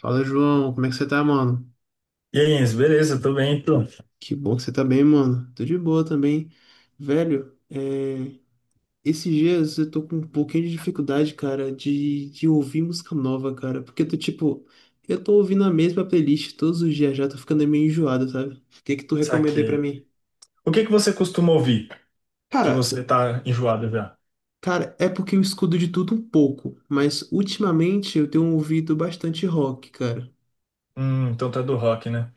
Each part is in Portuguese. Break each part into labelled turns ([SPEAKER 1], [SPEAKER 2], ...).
[SPEAKER 1] Fala, João, como é que você tá, mano?
[SPEAKER 2] E aí, Enzo, beleza, tô bem, então.
[SPEAKER 1] Que bom que você tá bem, mano. Tô de boa também. Velho, esses dias eu tô com um pouquinho de dificuldade, cara, de ouvir música nova, cara. Porque eu tô ouvindo a mesma playlist todos os dias já, tô ficando meio enjoado, sabe? O que que tu recomendei pra
[SPEAKER 2] Saquei.
[SPEAKER 1] mim?
[SPEAKER 2] O que que você costuma ouvir? Que
[SPEAKER 1] Cara,
[SPEAKER 2] você tá enjoado já?
[SPEAKER 1] cara, é porque eu escuto de tudo um pouco, mas ultimamente eu tenho ouvido bastante rock, cara.
[SPEAKER 2] Então tá do rock, né?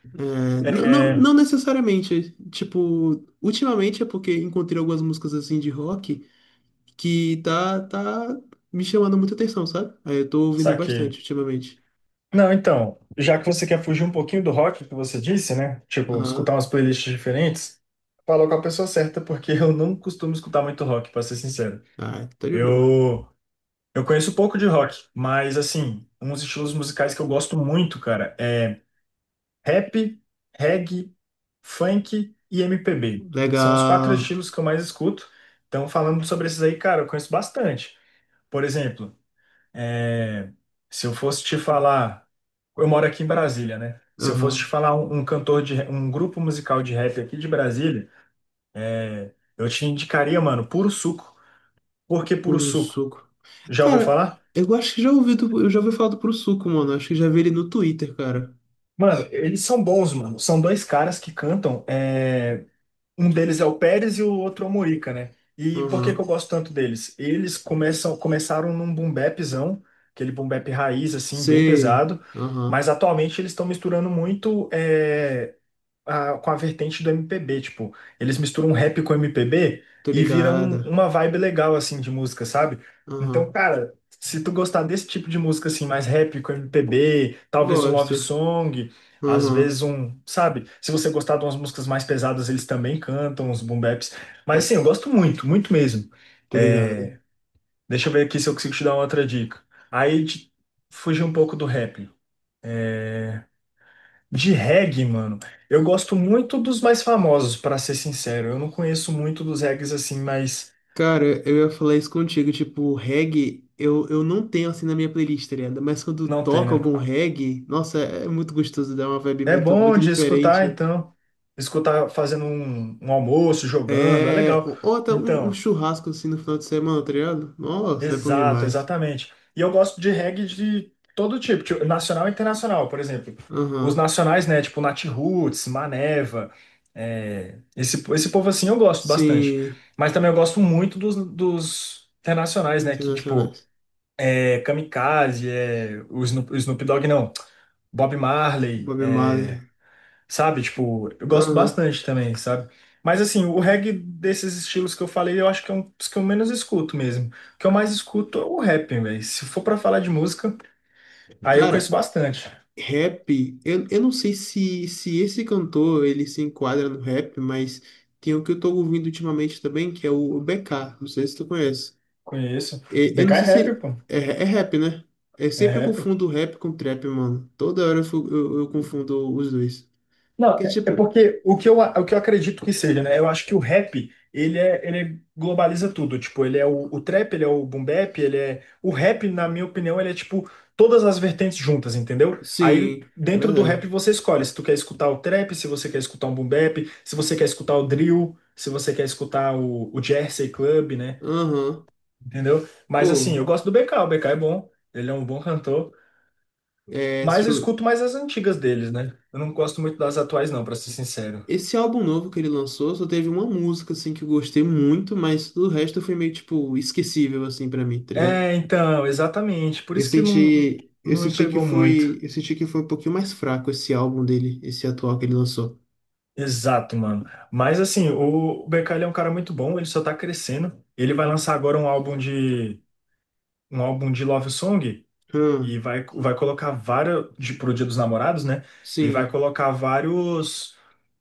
[SPEAKER 1] Não, não,
[SPEAKER 2] É,
[SPEAKER 1] não necessariamente. Tipo, ultimamente é porque encontrei algumas músicas assim de rock. Que tá me chamando muita atenção, sabe? Aí eu tô ouvindo bastante
[SPEAKER 2] saquei.
[SPEAKER 1] ultimamente.
[SPEAKER 2] Não, então, já que você quer fugir um pouquinho do rock que você disse, né? Tipo,
[SPEAKER 1] Aham.
[SPEAKER 2] escutar umas playlists diferentes, falou com a pessoa certa, porque eu não costumo escutar muito rock, pra ser sincero.
[SPEAKER 1] Ah, tá de boa.
[SPEAKER 2] Eu, eu conheço pouco de rock, mas assim, uns estilos musicais que eu gosto muito, cara, é rap, reggae, funk e MPB. São os quatro
[SPEAKER 1] Legal.
[SPEAKER 2] estilos que eu mais escuto. Então, falando sobre esses aí, cara, eu conheço bastante. Por exemplo, é, se eu fosse te falar. Eu moro aqui em Brasília, né? Se eu fosse te
[SPEAKER 1] Aham.
[SPEAKER 2] falar um cantor de um grupo musical de rap aqui de Brasília, eu te indicaria, mano, Puro Suco. Por que Puro
[SPEAKER 1] Puro
[SPEAKER 2] Suco?
[SPEAKER 1] suco.
[SPEAKER 2] Já ouviu
[SPEAKER 1] Cara,
[SPEAKER 2] falar?
[SPEAKER 1] eu acho que já ouvi, eu já ouvi falar do Puro Suco, mano. Acho que já vi ele no Twitter, cara.
[SPEAKER 2] Mano, eles são bons, mano. São dois caras que cantam. Um deles é o Pérez e o outro é o Morica, né? E por que que eu
[SPEAKER 1] Aham.
[SPEAKER 2] gosto tanto deles? Eles começaram num boom bapzão, aquele boom bap raiz, assim, bem
[SPEAKER 1] Sei.
[SPEAKER 2] pesado,
[SPEAKER 1] Aham.
[SPEAKER 2] mas atualmente eles estão misturando muito com a vertente do MPB. Tipo, eles misturam um rap com MPB
[SPEAKER 1] Tô
[SPEAKER 2] e viram
[SPEAKER 1] ligada.
[SPEAKER 2] uma vibe legal assim de música, sabe? Então,
[SPEAKER 1] Aham.
[SPEAKER 2] cara, se tu gostar desse tipo de música assim, mais rap com MPB, talvez um love
[SPEAKER 1] Gosto.
[SPEAKER 2] song, às
[SPEAKER 1] Aham.
[SPEAKER 2] vezes um, sabe? Se você gostar de umas músicas mais pesadas, eles também cantam uns boom baps. Mas assim, eu gosto muito, muito mesmo.
[SPEAKER 1] Tô ligada.
[SPEAKER 2] É, deixa eu ver aqui se eu consigo te dar uma outra dica. Aí fugir um pouco do rap. De reggae, mano, eu gosto muito dos mais famosos, pra ser sincero. Eu não conheço muito dos reggaes assim, mas
[SPEAKER 1] Cara, eu ia falar isso contigo, tipo, reggae, eu não tenho assim na minha playlist, tá ligado? Mas quando
[SPEAKER 2] não tem,
[SPEAKER 1] toca
[SPEAKER 2] né?
[SPEAKER 1] algum reggae, nossa, é muito gostoso, dá uma vibe
[SPEAKER 2] É
[SPEAKER 1] muito,
[SPEAKER 2] bom
[SPEAKER 1] muito
[SPEAKER 2] de escutar,
[SPEAKER 1] diferente.
[SPEAKER 2] então. Escutar fazendo um almoço, jogando, é
[SPEAKER 1] É.
[SPEAKER 2] legal.
[SPEAKER 1] Ou até um
[SPEAKER 2] Então,
[SPEAKER 1] churrasco assim no final de semana, tá ligado? Nossa, é bom
[SPEAKER 2] exato,
[SPEAKER 1] demais.
[SPEAKER 2] exatamente. E eu gosto de reggae de todo tipo, tipo, nacional e internacional, por exemplo. Os
[SPEAKER 1] Aham.
[SPEAKER 2] nacionais, né? Tipo Natiruts, Maneva, esse povo assim eu gosto bastante.
[SPEAKER 1] Sim.
[SPEAKER 2] Mas também eu gosto muito dos internacionais, né? Que, tipo.
[SPEAKER 1] Internacionais.
[SPEAKER 2] É Kamikaze, é o Snoop Dogg, não, Bob Marley,
[SPEAKER 1] Bob Marley.
[SPEAKER 2] sabe? Tipo, eu gosto
[SPEAKER 1] Aham.
[SPEAKER 2] bastante também, sabe? Mas assim, o reggae desses estilos que eu falei, eu acho que é um dos que eu menos escuto mesmo. O que eu mais escuto é o rap, velho. Se for pra falar de música, aí eu conheço
[SPEAKER 1] Cara,
[SPEAKER 2] bastante.
[SPEAKER 1] rap, eu não sei se esse cantor ele se enquadra no rap, mas tem o que eu tô ouvindo ultimamente também, que é o BK, não sei se tu conhece.
[SPEAKER 2] Conheço.
[SPEAKER 1] Eu não
[SPEAKER 2] BK é
[SPEAKER 1] sei
[SPEAKER 2] rap,
[SPEAKER 1] se
[SPEAKER 2] pô.
[SPEAKER 1] é rap, né? Eu
[SPEAKER 2] É
[SPEAKER 1] sempre
[SPEAKER 2] rap.
[SPEAKER 1] confundo rap com trap, mano. Toda hora eu confundo os dois.
[SPEAKER 2] Não,
[SPEAKER 1] Porque,
[SPEAKER 2] é
[SPEAKER 1] tipo,
[SPEAKER 2] porque o que eu acredito que seja, né? Eu acho que o rap, ele globaliza tudo. Tipo, ele é o trap, ele é o boom bap, ele é... O rap, na minha opinião, ele é tipo todas as vertentes juntas, entendeu? Aí,
[SPEAKER 1] sim, é
[SPEAKER 2] dentro do rap,
[SPEAKER 1] verdade.
[SPEAKER 2] você escolhe se tu quer escutar o trap, se você quer escutar um boom bap, se você quer escutar o drill, se você quer escutar o Jersey Club, né?
[SPEAKER 1] Aham.
[SPEAKER 2] Entendeu? Mas,
[SPEAKER 1] Pô,
[SPEAKER 2] assim, eu gosto do BK. O BK é bom, ele é um bom cantor.
[SPEAKER 1] é, se
[SPEAKER 2] Mas eu
[SPEAKER 1] eu-
[SPEAKER 2] escuto mais as antigas deles, né? Eu não gosto muito das atuais, não, pra ser sincero.
[SPEAKER 1] esse álbum novo que ele lançou só teve uma música, assim, que eu gostei muito, mas o resto foi meio, tipo, esquecível, assim, pra mim, tá ligado?
[SPEAKER 2] É, então, exatamente. Por
[SPEAKER 1] Eu
[SPEAKER 2] isso que não,
[SPEAKER 1] senti, eu
[SPEAKER 2] não me
[SPEAKER 1] senti que
[SPEAKER 2] pegou muito.
[SPEAKER 1] foi, eu senti que foi um pouquinho mais fraco esse álbum dele, esse atual que ele lançou.
[SPEAKER 2] Exato, mano. Mas assim, o BK ele é um cara muito bom, ele só tá crescendo. Ele vai lançar agora um álbum de Love Song e
[SPEAKER 1] Hum,
[SPEAKER 2] vai colocar vários pro Dia dos Namorados, né? E vai
[SPEAKER 1] sim,
[SPEAKER 2] colocar vários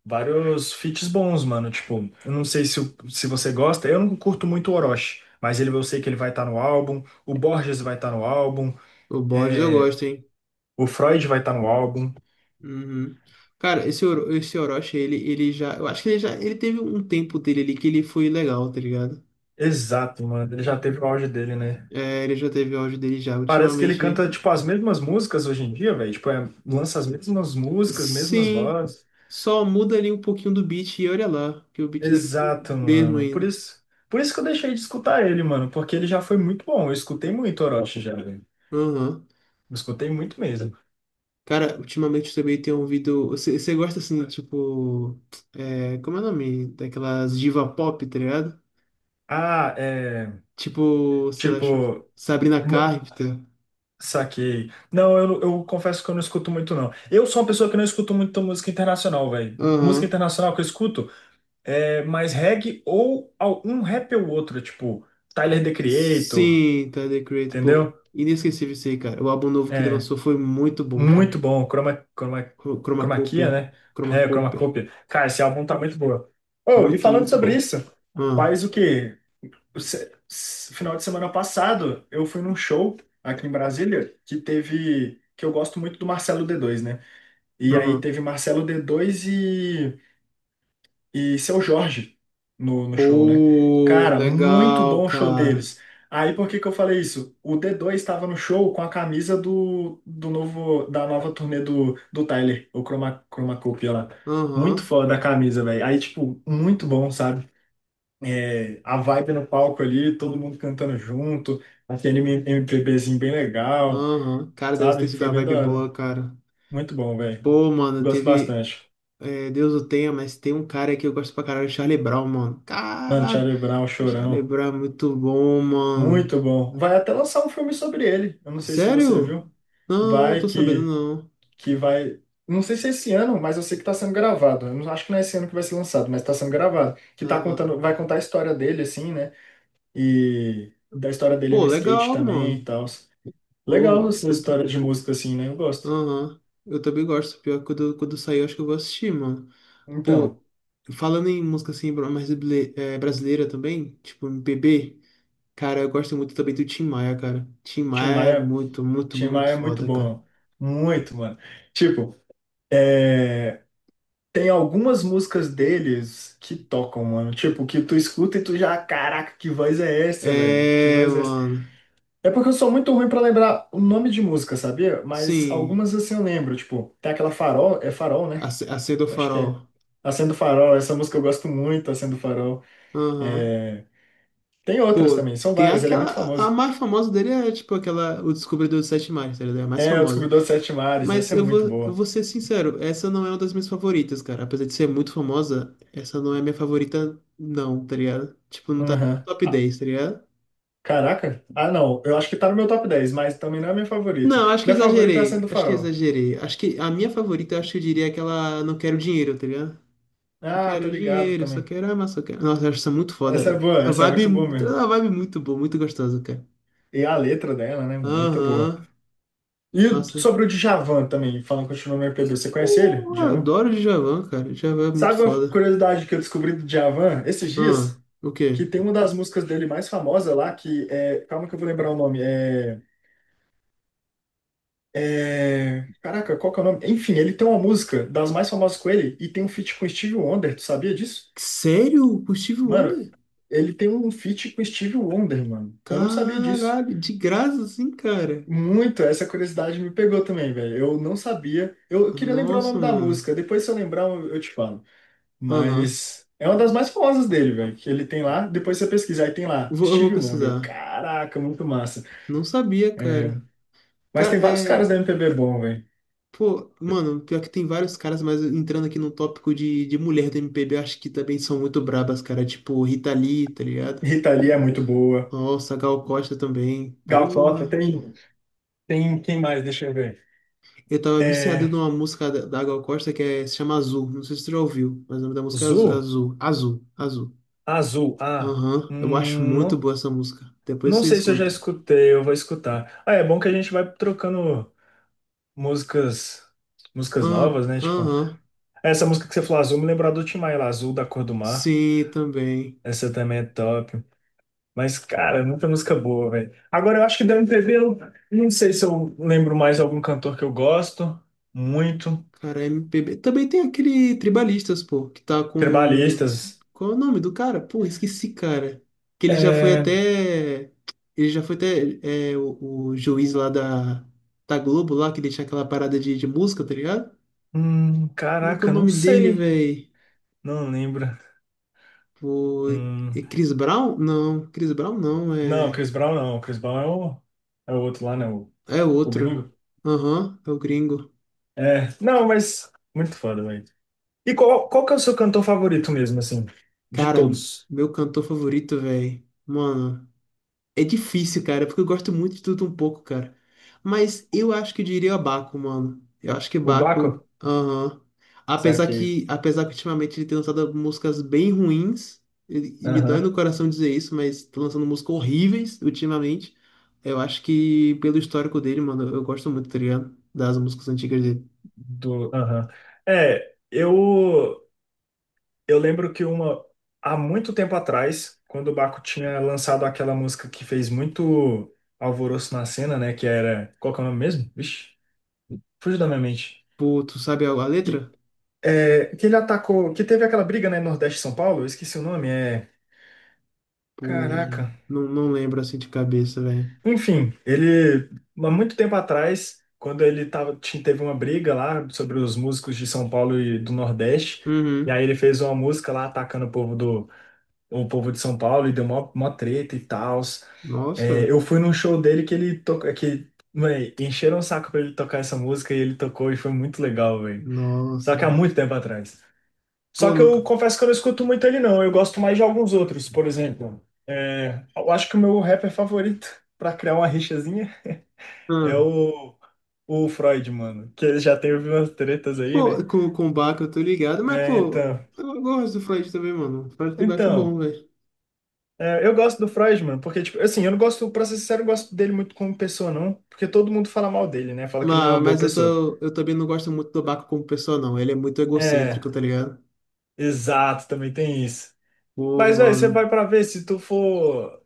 [SPEAKER 2] vários feats bons, mano. Tipo, eu não sei se você gosta, eu não curto muito o Orochi, mas ele eu sei que ele vai estar no álbum, o Borges vai estar no álbum,
[SPEAKER 1] o Borges eu
[SPEAKER 2] é,
[SPEAKER 1] gosto, hein?
[SPEAKER 2] o Freud vai estar no álbum.
[SPEAKER 1] Uhum. Cara, esse Orochi, ele já, eu acho que ele já, ele teve um tempo dele ali que ele foi legal, tá ligado?
[SPEAKER 2] Exato, mano. Ele já teve o auge dele, né?
[SPEAKER 1] É, ele já teve áudio dele já,
[SPEAKER 2] Parece que ele
[SPEAKER 1] ultimamente,
[SPEAKER 2] canta, tipo, as mesmas músicas hoje em dia, velho. Tipo, lança as mesmas músicas, mesmas
[SPEAKER 1] sim,
[SPEAKER 2] vozes.
[SPEAKER 1] só muda ali um pouquinho do beat e olha lá, que o beat deve ser o
[SPEAKER 2] Exato,
[SPEAKER 1] mesmo
[SPEAKER 2] mano.
[SPEAKER 1] ainda.
[SPEAKER 2] Por isso que eu deixei de escutar ele, mano. Porque ele já foi muito bom. Eu escutei muito Orochi já, velho.
[SPEAKER 1] Aham.
[SPEAKER 2] Eu escutei muito mesmo.
[SPEAKER 1] Cara, ultimamente eu também tenho ouvido. Você gosta assim do tipo. Como é o nome? Daquelas diva pop, tá ligado?
[SPEAKER 2] Ah, é.
[SPEAKER 1] Tipo, sei lá,
[SPEAKER 2] Tipo.
[SPEAKER 1] Sabrina
[SPEAKER 2] Não,
[SPEAKER 1] Carpenter.
[SPEAKER 2] saquei. Não, eu confesso que eu não escuto muito, não. Eu sou uma pessoa que não escuto muito música internacional, velho. Música
[SPEAKER 1] Aham.
[SPEAKER 2] internacional que eu escuto. Mais reggae ou um rap ou outro, tipo Tyler, The Creator,
[SPEAKER 1] Sim, tá The Creator. Pô,
[SPEAKER 2] entendeu?
[SPEAKER 1] inesquecível isso aí, cara. O álbum novo que ele
[SPEAKER 2] É,
[SPEAKER 1] lançou foi muito bom, cara.
[SPEAKER 2] muito bom, Chroma
[SPEAKER 1] Chromacopia.
[SPEAKER 2] Kia, né? É, Chroma
[SPEAKER 1] Chromacopia.
[SPEAKER 2] Copia. Cara, esse álbum tá muito boa. Oh, e
[SPEAKER 1] Muito,
[SPEAKER 2] falando
[SPEAKER 1] muito
[SPEAKER 2] sobre
[SPEAKER 1] bom.
[SPEAKER 2] isso,
[SPEAKER 1] Ah,
[SPEAKER 2] faz o quê? O final de semana passado, eu fui num show aqui em Brasília que eu gosto muito do Marcelo D2, né? E aí
[SPEAKER 1] aham.
[SPEAKER 2] teve Marcelo D2 e Seu Jorge no show, né?
[SPEAKER 1] Pô,
[SPEAKER 2] Cara, muito
[SPEAKER 1] legal,
[SPEAKER 2] bom o show
[SPEAKER 1] cara.
[SPEAKER 2] deles. Aí por que que eu falei isso? O D2 estava no show com a camisa do, do novo da nova turnê do Tyler, o Chromacopia lá. Muito
[SPEAKER 1] Aham,
[SPEAKER 2] foda a camisa, velho. Aí, tipo, muito bom, sabe? É, a vibe no palco ali, todo mundo cantando junto, aquele MPBzinho bem legal,
[SPEAKER 1] aham. Cara, deve ter
[SPEAKER 2] sabe?
[SPEAKER 1] sido
[SPEAKER 2] Foi
[SPEAKER 1] uma
[SPEAKER 2] bem da
[SPEAKER 1] vibe boa,
[SPEAKER 2] hora.
[SPEAKER 1] cara.
[SPEAKER 2] Muito bom, velho.
[SPEAKER 1] Pô, mano,
[SPEAKER 2] Gosto
[SPEAKER 1] teve.
[SPEAKER 2] bastante.
[SPEAKER 1] É, Deus o tenha, mas tem um cara que eu gosto pra caralho, o Charlie Brown, mano.
[SPEAKER 2] Mano,
[SPEAKER 1] Caralho,
[SPEAKER 2] Charlie Brown,
[SPEAKER 1] o Charlie
[SPEAKER 2] Chorão.
[SPEAKER 1] Brown é muito bom, mano.
[SPEAKER 2] Muito bom. Vai até lançar um filme sobre ele. Eu não sei se você
[SPEAKER 1] Sério?
[SPEAKER 2] viu.
[SPEAKER 1] Não,
[SPEAKER 2] Vai
[SPEAKER 1] tô sabendo
[SPEAKER 2] que,
[SPEAKER 1] não.
[SPEAKER 2] que vai. Não sei se é esse ano, mas eu sei que está sendo gravado. Eu não acho que não é esse ano que vai ser lançado, mas está sendo gravado.
[SPEAKER 1] Ah,
[SPEAKER 2] Vai contar a história dele, assim, né? E da história dele
[SPEAKER 1] pô,
[SPEAKER 2] no skate
[SPEAKER 1] legal,
[SPEAKER 2] também e
[SPEAKER 1] mano.
[SPEAKER 2] tal. Legal
[SPEAKER 1] Pô,
[SPEAKER 2] essas
[SPEAKER 1] quando...
[SPEAKER 2] histórias de música, assim, né? Eu gosto.
[SPEAKER 1] Aham. Eu também gosto, pior, que quando, sair eu acho que eu vou assistir, mano. Pô,
[SPEAKER 2] Então,
[SPEAKER 1] falando em música assim, brasileira também, tipo MPB, cara, eu gosto muito também do Tim Maia, cara. Tim
[SPEAKER 2] Tim
[SPEAKER 1] Maia é
[SPEAKER 2] Maia,
[SPEAKER 1] muito, muito,
[SPEAKER 2] Tim Maia
[SPEAKER 1] muito
[SPEAKER 2] é muito
[SPEAKER 1] foda, cara.
[SPEAKER 2] bom. Muito, mano. Tipo, é, tem algumas músicas deles que tocam, mano. Tipo, que tu escuta e tu já, caraca, que voz é essa, velho? Que
[SPEAKER 1] É,
[SPEAKER 2] voz é essa?
[SPEAKER 1] mano.
[SPEAKER 2] É porque eu sou muito ruim pra lembrar o nome de música, sabia? Mas
[SPEAKER 1] Sim.
[SPEAKER 2] algumas assim eu lembro, tipo, tem aquela Farol, é Farol, né?
[SPEAKER 1] Acenda o
[SPEAKER 2] Acho que
[SPEAKER 1] farol.
[SPEAKER 2] é. Acendo Farol, essa música eu gosto muito, Acendo Farol.
[SPEAKER 1] Aham.
[SPEAKER 2] É, tem outras
[SPEAKER 1] Pô,
[SPEAKER 2] também, são
[SPEAKER 1] tem
[SPEAKER 2] várias, ele é
[SPEAKER 1] aquela.
[SPEAKER 2] muito
[SPEAKER 1] A
[SPEAKER 2] famoso.
[SPEAKER 1] mais famosa dele é tipo aquela. O Descobridor dos Sete Mares, tá ligado? É a mais
[SPEAKER 2] É, O
[SPEAKER 1] famosa.
[SPEAKER 2] Descobridor dos Sete Mares,
[SPEAKER 1] Mas
[SPEAKER 2] essa é
[SPEAKER 1] eu
[SPEAKER 2] muito
[SPEAKER 1] vou, eu
[SPEAKER 2] boa.
[SPEAKER 1] vou ser sincero, essa não é uma das minhas favoritas, cara. Apesar de ser muito famosa, essa não é minha favorita, não, tá ligado? Tipo, não tá nem no
[SPEAKER 2] Aham.
[SPEAKER 1] top
[SPEAKER 2] Ah,
[SPEAKER 1] dez, tá ligado?
[SPEAKER 2] caraca, ah não, eu acho que tá no meu top 10, mas também não é a minha favorita.
[SPEAKER 1] Não, acho que
[SPEAKER 2] Minha favorita é
[SPEAKER 1] exagerei.
[SPEAKER 2] Acendo
[SPEAKER 1] Acho que
[SPEAKER 2] Farol.
[SPEAKER 1] exagerei. Acho que a minha favorita, eu acho que eu diria é aquela Não Quero Dinheiro, tá ligado? Não
[SPEAKER 2] Ah, tô
[SPEAKER 1] quero
[SPEAKER 2] ligado
[SPEAKER 1] dinheiro, só
[SPEAKER 2] também.
[SPEAKER 1] quero amar, só quero. Nossa, eu acho isso muito
[SPEAKER 2] Essa é
[SPEAKER 1] foda.
[SPEAKER 2] boa,
[SPEAKER 1] A
[SPEAKER 2] essa é muito
[SPEAKER 1] vibe,
[SPEAKER 2] boa mesmo.
[SPEAKER 1] a vibe muito boa, muito gostosa, cara.
[SPEAKER 2] E a letra dela, né, mano? Muito boa.
[SPEAKER 1] Aham.
[SPEAKER 2] E
[SPEAKER 1] Nossa.
[SPEAKER 2] sobre o Djavan também, falando continuando no MPB, você conhece ele,
[SPEAKER 1] Pô, eu
[SPEAKER 2] Djavan?
[SPEAKER 1] adoro o Djavan, cara. O Djavan é muito
[SPEAKER 2] Sabe uma
[SPEAKER 1] foda.
[SPEAKER 2] curiosidade que eu descobri do Djavan esses
[SPEAKER 1] Ah,
[SPEAKER 2] dias?
[SPEAKER 1] o
[SPEAKER 2] Que
[SPEAKER 1] quê?
[SPEAKER 2] tem uma das músicas dele mais famosa lá, que é. Calma que eu vou lembrar o nome. Caraca, qual que é o nome? Enfim, ele tem uma música das mais famosas com ele e tem um feat com Steve Wonder, tu sabia disso?
[SPEAKER 1] Sério? O Steve
[SPEAKER 2] Mano,
[SPEAKER 1] Wonder?
[SPEAKER 2] ele tem um feat com Steve Wonder, mano. Eu não sabia disso.
[SPEAKER 1] Caralho, de graça assim, cara.
[SPEAKER 2] Muito, essa curiosidade me pegou também, velho. Eu não sabia. Eu queria lembrar o
[SPEAKER 1] Nossa,
[SPEAKER 2] nome da
[SPEAKER 1] mano.
[SPEAKER 2] música. Depois, se eu lembrar, eu te falo.
[SPEAKER 1] Aham.
[SPEAKER 2] Mas é uma das mais famosas dele, velho. Que ele tem lá. Depois você pesquisar. Aí tem lá,
[SPEAKER 1] Eu vou
[SPEAKER 2] Steve Wonder.
[SPEAKER 1] pesquisar.
[SPEAKER 2] Caraca, muito massa.
[SPEAKER 1] Não sabia,
[SPEAKER 2] É,
[SPEAKER 1] cara.
[SPEAKER 2] mas tem
[SPEAKER 1] Cara,
[SPEAKER 2] vários caras
[SPEAKER 1] é.
[SPEAKER 2] da MPB bom, velho.
[SPEAKER 1] Pô, mano, pior que tem vários caras, mas entrando aqui no tópico de mulher do MPB, eu acho que também são muito brabas, cara. Tipo, Rita Lee, tá ligado?
[SPEAKER 2] Rita Lee é muito boa.
[SPEAKER 1] Nossa, Gal Costa também.
[SPEAKER 2] Gal Costa
[SPEAKER 1] Porra.
[SPEAKER 2] tem. Tem quem mais? Deixa eu ver.
[SPEAKER 1] Eu tava viciado
[SPEAKER 2] É...
[SPEAKER 1] numa música da Gal Costa que se chama Azul. Não sei se tu já ouviu, mas o nome da música é
[SPEAKER 2] Zu?
[SPEAKER 1] Azul. Azul. Azul.
[SPEAKER 2] Azul. Ah,
[SPEAKER 1] Aham. Eu acho muito
[SPEAKER 2] não.
[SPEAKER 1] boa essa música. Depois
[SPEAKER 2] Não
[SPEAKER 1] você
[SPEAKER 2] sei se eu já
[SPEAKER 1] escuta.
[SPEAKER 2] escutei, eu vou escutar. Ah, é bom que a gente vai trocando músicas, músicas
[SPEAKER 1] Ah,
[SPEAKER 2] novas, né? Tipo,
[SPEAKER 1] aham.
[SPEAKER 2] essa música que você falou, Azul, me lembrou do Tim Maia, Azul da Cor do Mar.
[SPEAKER 1] Sim, também.
[SPEAKER 2] Essa também é top. Mas, cara, muita música boa, velho. Agora, eu acho que da MPB, eu não sei se eu lembro mais algum cantor que eu gosto muito.
[SPEAKER 1] Cara, MPB. Também tem aquele Tribalistas, pô, que tá com.
[SPEAKER 2] Tribalistas.
[SPEAKER 1] Qual é o nome do cara? Pô, esqueci, cara. Que ele já foi
[SPEAKER 2] É...
[SPEAKER 1] até. Ele já foi até o juiz lá da Globo, lá, que deixa aquela parada de música, tá ligado? Como é que é o
[SPEAKER 2] Caraca, não
[SPEAKER 1] nome dele,
[SPEAKER 2] sei.
[SPEAKER 1] velho?
[SPEAKER 2] Não lembro.
[SPEAKER 1] O, é
[SPEAKER 2] Hum,
[SPEAKER 1] Chris Brown? Não, Chris Brown não,
[SPEAKER 2] não,
[SPEAKER 1] é,
[SPEAKER 2] Chris Brown não. Chris Brown é o outro lá, né? O,
[SPEAKER 1] é
[SPEAKER 2] o
[SPEAKER 1] outro.
[SPEAKER 2] gringo.
[SPEAKER 1] Aham, é o gringo.
[SPEAKER 2] É, não, mas muito foda, velho. E qual que é o seu cantor favorito mesmo, assim, de
[SPEAKER 1] Cara,
[SPEAKER 2] todos?
[SPEAKER 1] meu cantor favorito, velho. Mano. É difícil, cara, porque eu gosto muito de tudo um pouco, cara. Mas eu acho que eu diria Baco, mano. Eu acho que
[SPEAKER 2] O
[SPEAKER 1] Baco,
[SPEAKER 2] Baco?
[SPEAKER 1] aham. Apesar
[SPEAKER 2] Saquei.
[SPEAKER 1] que, apesar que ultimamente ele tem lançado músicas bem ruins, e me dói
[SPEAKER 2] Aham.
[SPEAKER 1] no coração dizer isso, mas tá lançando músicas horríveis ultimamente. Eu acho que pelo histórico dele, mano, eu gosto muito, tá ligado? Das músicas antigas dele.
[SPEAKER 2] Do, aham. É, eu lembro que há muito tempo atrás, quando o Baco tinha lançado aquela música que fez muito alvoroço na cena, né, qual que é o nome mesmo? Vixe, fugiu da minha mente.
[SPEAKER 1] Pô, tu sabe a
[SPEAKER 2] Que,
[SPEAKER 1] letra?
[SPEAKER 2] que ele atacou, que teve aquela briga, né, Nordeste e São Paulo, eu esqueci o nome,
[SPEAKER 1] Pô,
[SPEAKER 2] Caraca.
[SPEAKER 1] não lembro assim de cabeça, velho.
[SPEAKER 2] Enfim, há muito tempo atrás, quando ele teve uma briga lá sobre os músicos de São Paulo e do Nordeste, e
[SPEAKER 1] Uhum.
[SPEAKER 2] aí ele fez uma música lá atacando o povo de São Paulo e deu mó, mó treta e tal. É,
[SPEAKER 1] Nossa,
[SPEAKER 2] eu fui num show dele que ele toca, que, véi, encheram o saco pra ele tocar essa música e ele tocou e foi muito legal, velho. Só
[SPEAKER 1] nossa.
[SPEAKER 2] que há muito tempo atrás. Só
[SPEAKER 1] Pô,
[SPEAKER 2] que
[SPEAKER 1] nunca.
[SPEAKER 2] eu confesso que eu não escuto muito ele, não. Eu gosto mais de alguns outros, por exemplo. Eu acho que o meu rapper favorito, pra criar uma rixazinha. É o Freud, mano. Que ele já teve umas tretas aí,
[SPEAKER 1] Pô,
[SPEAKER 2] né?
[SPEAKER 1] com o Bach eu tô ligado, mas,
[SPEAKER 2] É,
[SPEAKER 1] pô,
[SPEAKER 2] então.
[SPEAKER 1] eu gosto do Freud também, mano. O Freud também acho bom,
[SPEAKER 2] Então.
[SPEAKER 1] velho.
[SPEAKER 2] Eu gosto do Freud, mano, porque, tipo, assim, eu não gosto, pra ser sincero, eu não gosto dele muito como pessoa, não. Porque todo mundo fala mal dele, né? Fala que ele não é
[SPEAKER 1] Mas,
[SPEAKER 2] uma boa
[SPEAKER 1] mas eu,
[SPEAKER 2] pessoa.
[SPEAKER 1] tô, eu também não gosto muito do Baco como pessoa, não. Ele é muito
[SPEAKER 2] É,
[SPEAKER 1] egocêntrico, tá ligado?
[SPEAKER 2] exato, também tem isso.
[SPEAKER 1] Pô,
[SPEAKER 2] Mas, velho, você
[SPEAKER 1] mano.
[SPEAKER 2] vai pra ver se tu for,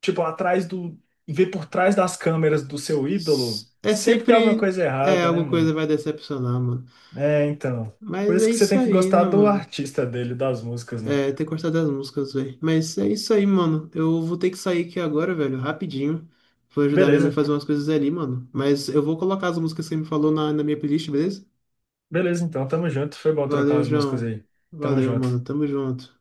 [SPEAKER 2] tipo, atrás do. Ver por trás das câmeras do seu ídolo,
[SPEAKER 1] É
[SPEAKER 2] sempre tem alguma
[SPEAKER 1] sempre.
[SPEAKER 2] coisa
[SPEAKER 1] É,
[SPEAKER 2] errada, né,
[SPEAKER 1] alguma coisa
[SPEAKER 2] mano?
[SPEAKER 1] vai decepcionar, mano.
[SPEAKER 2] É, então. Por
[SPEAKER 1] Mas
[SPEAKER 2] isso
[SPEAKER 1] é
[SPEAKER 2] que você
[SPEAKER 1] isso
[SPEAKER 2] tem que
[SPEAKER 1] aí, né,
[SPEAKER 2] gostar do
[SPEAKER 1] mano?
[SPEAKER 2] artista dele, das músicas, né?
[SPEAKER 1] É, ter gostado das músicas, velho. Mas é isso aí, mano. Eu vou ter que sair aqui agora, velho, rapidinho. Vou ajudar minha mãe a
[SPEAKER 2] Beleza.
[SPEAKER 1] fazer umas coisas ali, mano. Mas eu vou colocar as músicas que você me falou na minha playlist, beleza?
[SPEAKER 2] Beleza, então, tamo junto. Foi bom trocar
[SPEAKER 1] Valeu,
[SPEAKER 2] as músicas
[SPEAKER 1] João.
[SPEAKER 2] aí. Tamo
[SPEAKER 1] Valeu,
[SPEAKER 2] junto.
[SPEAKER 1] mano. Tamo junto.